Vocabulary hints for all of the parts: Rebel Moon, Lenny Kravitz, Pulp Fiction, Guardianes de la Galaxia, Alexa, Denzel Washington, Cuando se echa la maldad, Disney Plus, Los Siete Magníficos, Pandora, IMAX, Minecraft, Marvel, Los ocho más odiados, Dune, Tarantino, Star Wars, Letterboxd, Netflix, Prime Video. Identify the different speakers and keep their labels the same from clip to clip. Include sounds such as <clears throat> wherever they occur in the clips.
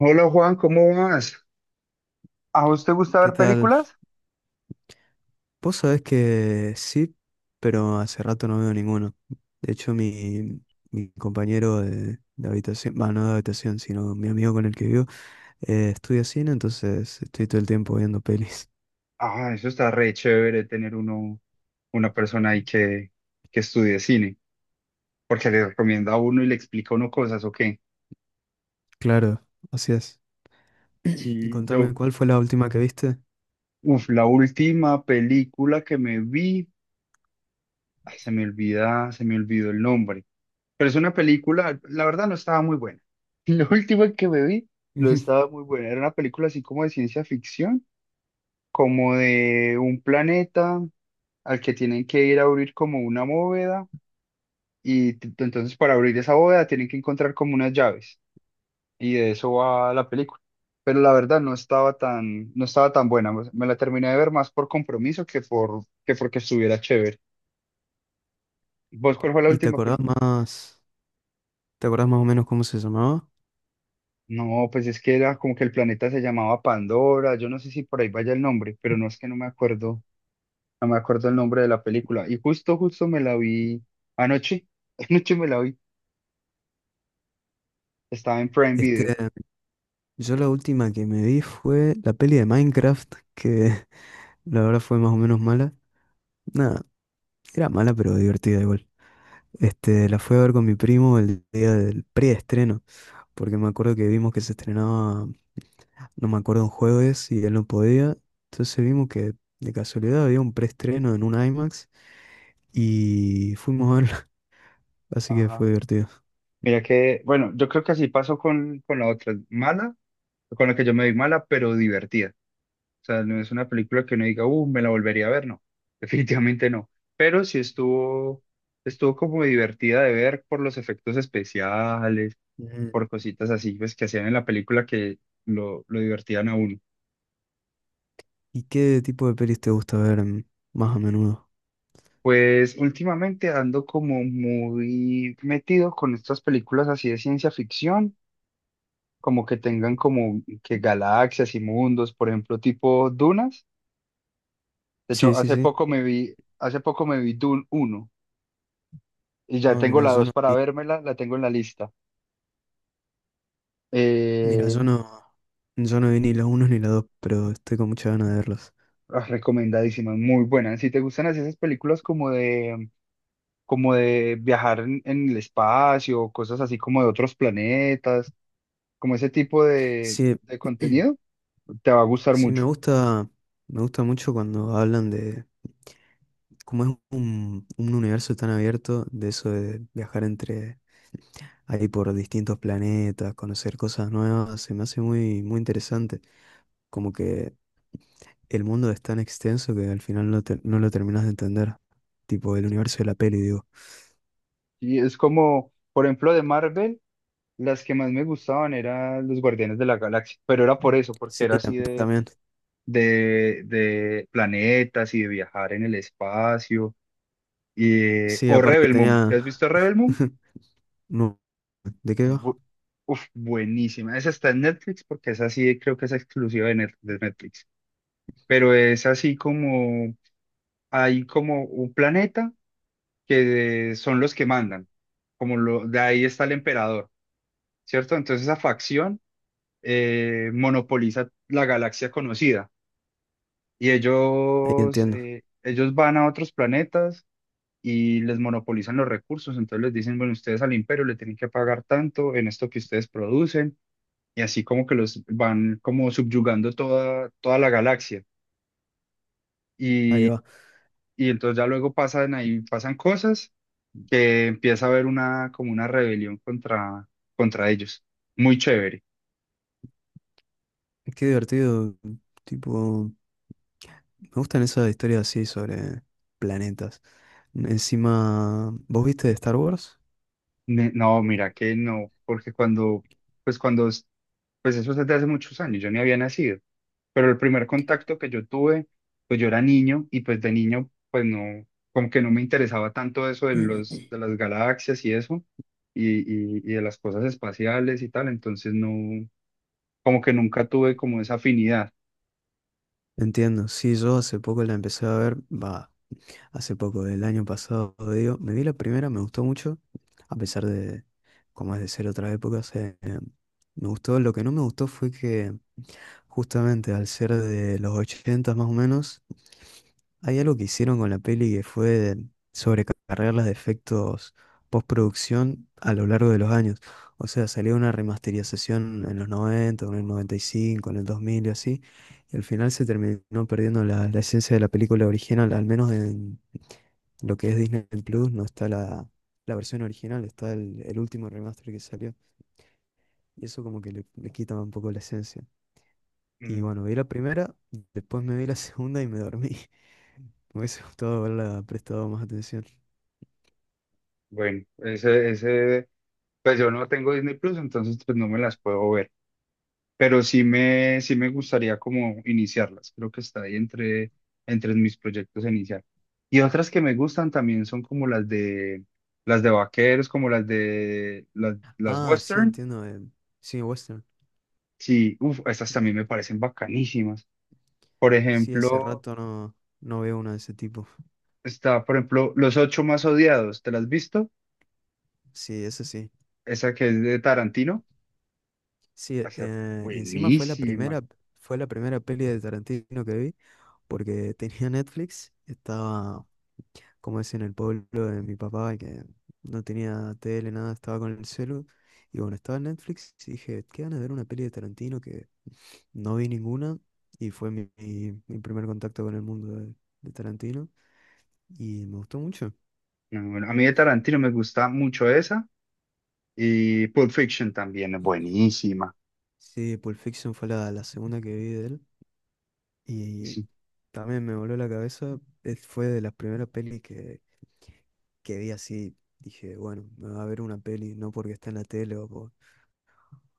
Speaker 1: Hola Juan, ¿cómo vas? ¿A vos te gusta
Speaker 2: ¿Qué
Speaker 1: ver
Speaker 2: tal?
Speaker 1: películas?
Speaker 2: Vos sabés que sí, pero hace rato no veo ninguno. De hecho, mi compañero de habitación, bueno, no de habitación, sino mi amigo con el que vivo, estudia cine, entonces estoy todo el tiempo viendo pelis.
Speaker 1: Ah, eso está re chévere tener uno, una persona ahí que estudie cine, porque le recomienda a uno y le explica a uno cosas, ¿o qué?
Speaker 2: Claro, así es. Y
Speaker 1: Sí,
Speaker 2: contame,
Speaker 1: yo,
Speaker 2: ¿cuál fue la última que viste?
Speaker 1: uf, la última película que me vi, ay, se me olvida, se me olvidó el nombre, pero es una película, la verdad no estaba muy buena. <laughs> La última que me vi
Speaker 2: <laughs>
Speaker 1: no
Speaker 2: Ujú.
Speaker 1: estaba muy buena, era una película así como de ciencia ficción, como de un planeta al que tienen que ir a abrir como una bóveda y entonces para abrir esa bóveda tienen que encontrar como unas llaves y de eso va la película. Pero la verdad no estaba tan buena. Me la terminé de ver más por compromiso que porque estuviera chévere. ¿Vos cuál fue la
Speaker 2: ¿Y
Speaker 1: última película?
Speaker 2: te acordás más o menos cómo se llamaba?
Speaker 1: No, pues es que era como que el planeta se llamaba Pandora. Yo no sé si por ahí vaya el nombre, pero no es que no me acuerdo, no me acuerdo el nombre de la película. Y justo me la vi anoche. <laughs> Anoche me la vi. Estaba en Prime
Speaker 2: Este,
Speaker 1: Video.
Speaker 2: yo la última que me vi fue la peli de Minecraft, que <laughs> la verdad fue más o menos mala. Nada, era mala, pero divertida igual. La fui a ver con mi primo el día del preestreno, porque me acuerdo que vimos que se estrenaba, no me acuerdo, un jueves y él no podía. Entonces vimos que de casualidad había un preestreno en un IMAX y fuimos a verla, <laughs> así que fue
Speaker 1: Ajá.
Speaker 2: divertido.
Speaker 1: Mira que, bueno, yo creo que así pasó con la otra, mala, con la que yo me vi mala, pero divertida. O sea, no es una película que uno diga, me la volvería a ver, no, <laughs> definitivamente no. Pero sí estuvo como divertida de ver por los efectos especiales,
Speaker 2: Ujú.
Speaker 1: por cositas así, pues, que hacían en la película que lo divertían a uno.
Speaker 2: ¿Y qué tipo de pelis te gusta ver más a menudo?
Speaker 1: Pues últimamente ando como muy metido con estas películas así de ciencia ficción como que tengan como que galaxias y mundos, por ejemplo, tipo dunas. De
Speaker 2: Sí,
Speaker 1: hecho,
Speaker 2: sí, sí.
Speaker 1: hace poco me vi Dune uno y ya
Speaker 2: Ah,
Speaker 1: tengo
Speaker 2: mira,
Speaker 1: la
Speaker 2: yo
Speaker 1: 2
Speaker 2: no
Speaker 1: para
Speaker 2: vi,
Speaker 1: vérmela, la tengo en la lista.
Speaker 2: mira,
Speaker 1: Eh,
Speaker 2: yo no vi ni la uno ni la dos, pero estoy con muchas ganas de verlas.
Speaker 1: Recomendadísima, muy buena. Si te gustan así esas películas como de viajar en el espacio, cosas así como de otros planetas, como ese tipo
Speaker 2: Sí.
Speaker 1: de contenido,
Speaker 2: <clears throat>
Speaker 1: te va a gustar
Speaker 2: Sí,
Speaker 1: mucho.
Speaker 2: me gusta mucho cuando hablan de cómo es un universo tan abierto, de eso de viajar entre ahí por distintos planetas, conocer cosas nuevas, se me hace muy, muy interesante. Como que el mundo es tan extenso que al final no lo terminas de entender. Tipo el universo de la peli, digo.
Speaker 1: Y es como, por ejemplo, de Marvel. Las que más me gustaban eran los Guardianes de la Galaxia, pero era por eso, porque
Speaker 2: Sí,
Speaker 1: era
Speaker 2: tam-
Speaker 1: así
Speaker 2: también.
Speaker 1: de planetas y de viajar en el espacio.
Speaker 2: Sí,
Speaker 1: O
Speaker 2: aparte
Speaker 1: Rebel Moon, ¿te
Speaker 2: tenía.
Speaker 1: has visto Rebel Moon?
Speaker 2: <laughs> No, ¿de qué va?
Speaker 1: Bu- Uf, buenísima. Esa está en Netflix porque es así, creo que es exclusiva de de Netflix. Pero es así como, hay como un planeta que son los que mandan, como lo, de ahí está el emperador, ¿cierto? Entonces esa facción, monopoliza la galaxia conocida. Y
Speaker 2: Ahí
Speaker 1: ellos,
Speaker 2: entiendo.
Speaker 1: ellos van a otros planetas y les monopolizan los recursos, entonces les dicen, bueno, ustedes al imperio le tienen que pagar tanto en esto que ustedes producen, y así como que los van como subyugando toda, toda la galaxia.
Speaker 2: Ahí
Speaker 1: Y,
Speaker 2: va.
Speaker 1: y entonces ya luego pasan cosas que empieza a haber una, como una rebelión contra ellos. Muy chévere.
Speaker 2: Qué divertido. Tipo. Me gustan esas historias así sobre planetas. Encima, ¿vos viste de Star Wars?
Speaker 1: No, mira que no, porque cuando pues eso es desde hace muchos años, yo ni había nacido, pero el primer contacto que yo tuve, pues yo era niño y pues de niño, pues no, como que no me interesaba tanto eso de de las galaxias y eso, y, y de las cosas espaciales y tal, entonces no, como que nunca tuve como esa afinidad.
Speaker 2: Entiendo, sí, yo hace poco la empecé a ver, va, hace poco, del año pasado, digo, me vi la primera, me gustó mucho, a pesar de, como es de ser otra época, o sea, me gustó, lo que no me gustó fue que justamente al ser de los 80 más o menos, hay algo que hicieron con la peli que fue sobrecargar los efectos postproducción a lo largo de los años. O sea, salió una remasterización en los 90, en el 95, en el 2000 y así. Y al final se terminó perdiendo la esencia de la película original, al menos en lo que es Disney Plus. No está la versión original, está el último remaster que salió. Y eso como que le quita un poco la esencia. Y
Speaker 1: Mm.
Speaker 2: bueno, vi la primera, después me vi la segunda y me dormí. <laughs> Me hubiese gustado haberla <laughs> prestado más atención.
Speaker 1: Ese, pues yo no tengo Disney Plus, entonces pues no me las puedo ver. Pero sí me gustaría como iniciarlas. Creo que está ahí entre mis proyectos a iniciar. Y otras que me gustan también son como las de vaqueros, como las de las
Speaker 2: Ah, sí,
Speaker 1: western.
Speaker 2: entiendo. Sí, western.
Speaker 1: Sí, uf, estas también me parecen bacanísimas. Por
Speaker 2: Sí, hace
Speaker 1: ejemplo,
Speaker 2: rato no veo una de ese tipo.
Speaker 1: por ejemplo, Los Ocho Más Odiados. ¿Te las has visto?
Speaker 2: Sí, eso sí.
Speaker 1: Esa que es de Tarantino.
Speaker 2: Sí,
Speaker 1: Esa,
Speaker 2: y encima
Speaker 1: buenísima.
Speaker 2: fue la primera peli de Tarantino que vi, porque tenía Netflix, estaba, como es en el pueblo de mi papá, que no tenía tele, nada, estaba con el celu. Y bueno, estaba en Netflix y dije, qué ganas de ver una peli de Tarantino que no vi ninguna, y fue mi, mi primer contacto con el mundo de Tarantino y me gustó mucho.
Speaker 1: No, bueno, a mí de Tarantino me gusta mucho esa. Y Pulp Fiction también es buenísima.
Speaker 2: Sí, Pulp Fiction fue la segunda que vi de él, y
Speaker 1: Sí.
Speaker 2: también me voló la cabeza. Fue de las primeras pelis que vi así. Dije, bueno, me va a ver una peli, no porque está en la tele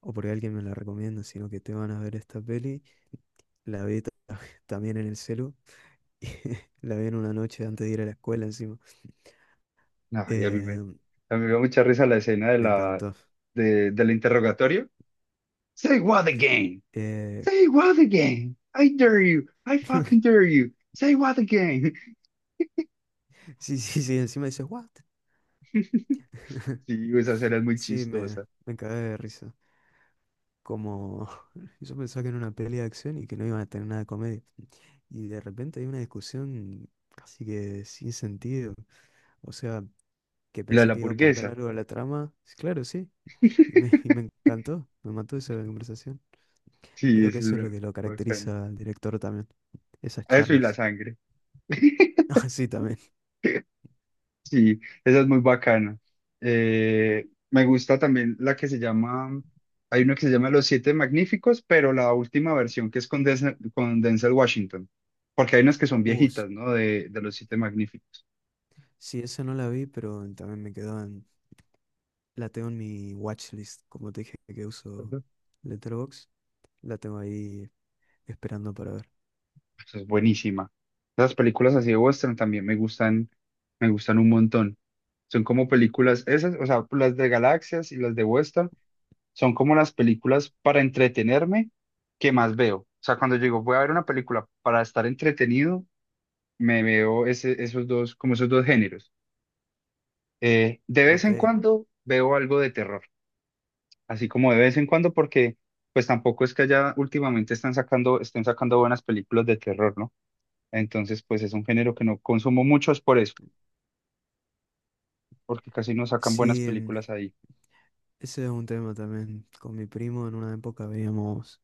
Speaker 2: o porque alguien me la recomienda, sino que te van a ver esta peli. La vi ta- <laughs> también en el celu. <laughs> La vi en una noche antes de ir a la escuela encima.
Speaker 1: Ay,
Speaker 2: Eh,
Speaker 1: a mí me dio mucha risa la escena de
Speaker 2: Me encantó.
Speaker 1: del interrogatorio. Say what again?
Speaker 2: Eh,
Speaker 1: Say what again? I dare you. I
Speaker 2: <laughs>
Speaker 1: fucking dare you. Say what again? <laughs>
Speaker 2: Sí, sí, sí, encima dices, ¿what? <laughs>
Speaker 1: Sí, esa escena es muy
Speaker 2: Sí,
Speaker 1: chistosa.
Speaker 2: me cagué de risa. Como <laughs> yo pensaba que era una peli de acción y que no iban a tener nada de comedia. Y de repente hay una discusión así, que sin sentido. O sea, que
Speaker 1: La de
Speaker 2: pensé
Speaker 1: la
Speaker 2: que iba a aportar
Speaker 1: hamburguesa.
Speaker 2: algo a la trama. Sí, claro, sí. Y me
Speaker 1: <laughs>
Speaker 2: encantó. Me mató esa conversación.
Speaker 1: Sí,
Speaker 2: Creo que
Speaker 1: eso
Speaker 2: eso es lo
Speaker 1: es
Speaker 2: que lo
Speaker 1: bacán.
Speaker 2: caracteriza al director también. Esas
Speaker 1: Eso y la
Speaker 2: charlas. <laughs>
Speaker 1: sangre. <laughs>
Speaker 2: Ah, sí, también.
Speaker 1: Sí, esa es muy bacana. Me gusta también la que se llama, hay una que se llama Los Siete Magníficos, pero la última versión que es con Denzel Washington, porque hay unas que son
Speaker 2: Uh, s-
Speaker 1: viejitas, ¿no? De Los Siete Magníficos.
Speaker 2: sí, esa no la vi, pero también me quedó. La tengo en mi watchlist, como te dije que uso
Speaker 1: Ujú.
Speaker 2: Letterboxd, la tengo ahí esperando para ver.
Speaker 1: Esa es buenísima. Las películas así de western también me gustan un montón. Son como películas, esas, o sea, las de galaxias y las de western son como las películas para entretenerme que más veo. O sea, cuando yo digo, voy a ver una película para estar entretenido, me veo esos dos, como esos dos géneros. De vez en
Speaker 2: Ok.
Speaker 1: cuando veo algo de terror, así como de vez en cuando, porque pues tampoco es que allá últimamente están sacando, estén sacando buenas películas de terror, ¿no? Entonces, pues es un género que no consumo mucho, es por eso, porque casi no sacan buenas
Speaker 2: Sí,
Speaker 1: películas ahí.
Speaker 2: ese es un tema también. Con mi primo en una época veíamos,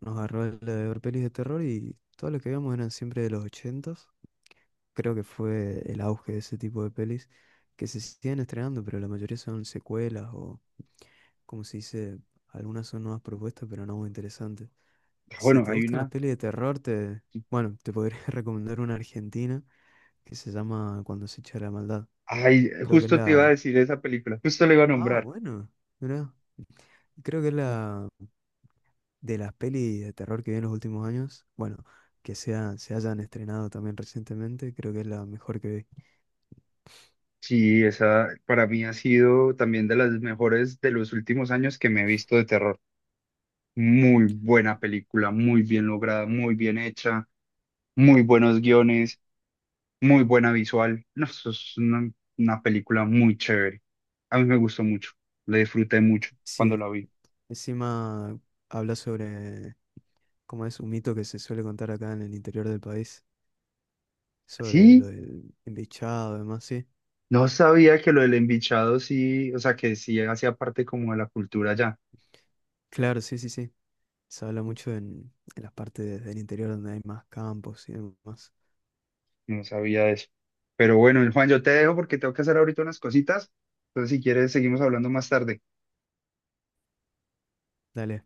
Speaker 2: nos agarró el de ver pelis de terror y todo lo que veíamos eran siempre de los ochentas. Creo que fue el auge de ese tipo de pelis que se siguen estrenando, pero la mayoría son secuelas o, como se dice, algunas son nuevas propuestas, pero no muy interesantes.
Speaker 1: Ah,
Speaker 2: Si
Speaker 1: bueno,
Speaker 2: te
Speaker 1: hay
Speaker 2: gustan las
Speaker 1: una,
Speaker 2: pelis de terror, te, bueno, te podría <laughs> recomendar una argentina que se llama Cuando se echa la maldad.
Speaker 1: ay,
Speaker 2: Creo que es
Speaker 1: justo te iba a
Speaker 2: la...
Speaker 1: decir esa película, justo la iba a
Speaker 2: Ah,
Speaker 1: nombrar.
Speaker 2: bueno, mirá. Creo que es la de las pelis de terror que vi en los últimos años. Bueno, que sea, se hayan estrenado también recientemente, creo que es la mejor que vi.
Speaker 1: Sí, esa para mí ha sido también de las mejores de los últimos años que me he visto de terror. Muy buena película, muy bien lograda, muy bien hecha, muy buenos guiones, muy buena visual. No, eso es una película muy chévere. A mí me gustó mucho, la disfruté mucho cuando
Speaker 2: Sí,
Speaker 1: la vi.
Speaker 2: encima habla sobre cómo es un mito que se suele contar acá en el interior del país, sobre lo
Speaker 1: Sí,
Speaker 2: del embichado, y demás, sí.
Speaker 1: no sabía que lo del embichado sí, o sea, que sí hacía parte como de la cultura ya.
Speaker 2: Claro, sí, sí, sí. Se habla mucho en las partes del interior donde hay más campos y demás.
Speaker 1: No sabía de eso. Pero bueno, Juan, yo te dejo porque tengo que hacer ahorita unas cositas. Entonces, si quieres, seguimos hablando más tarde.
Speaker 2: Dale.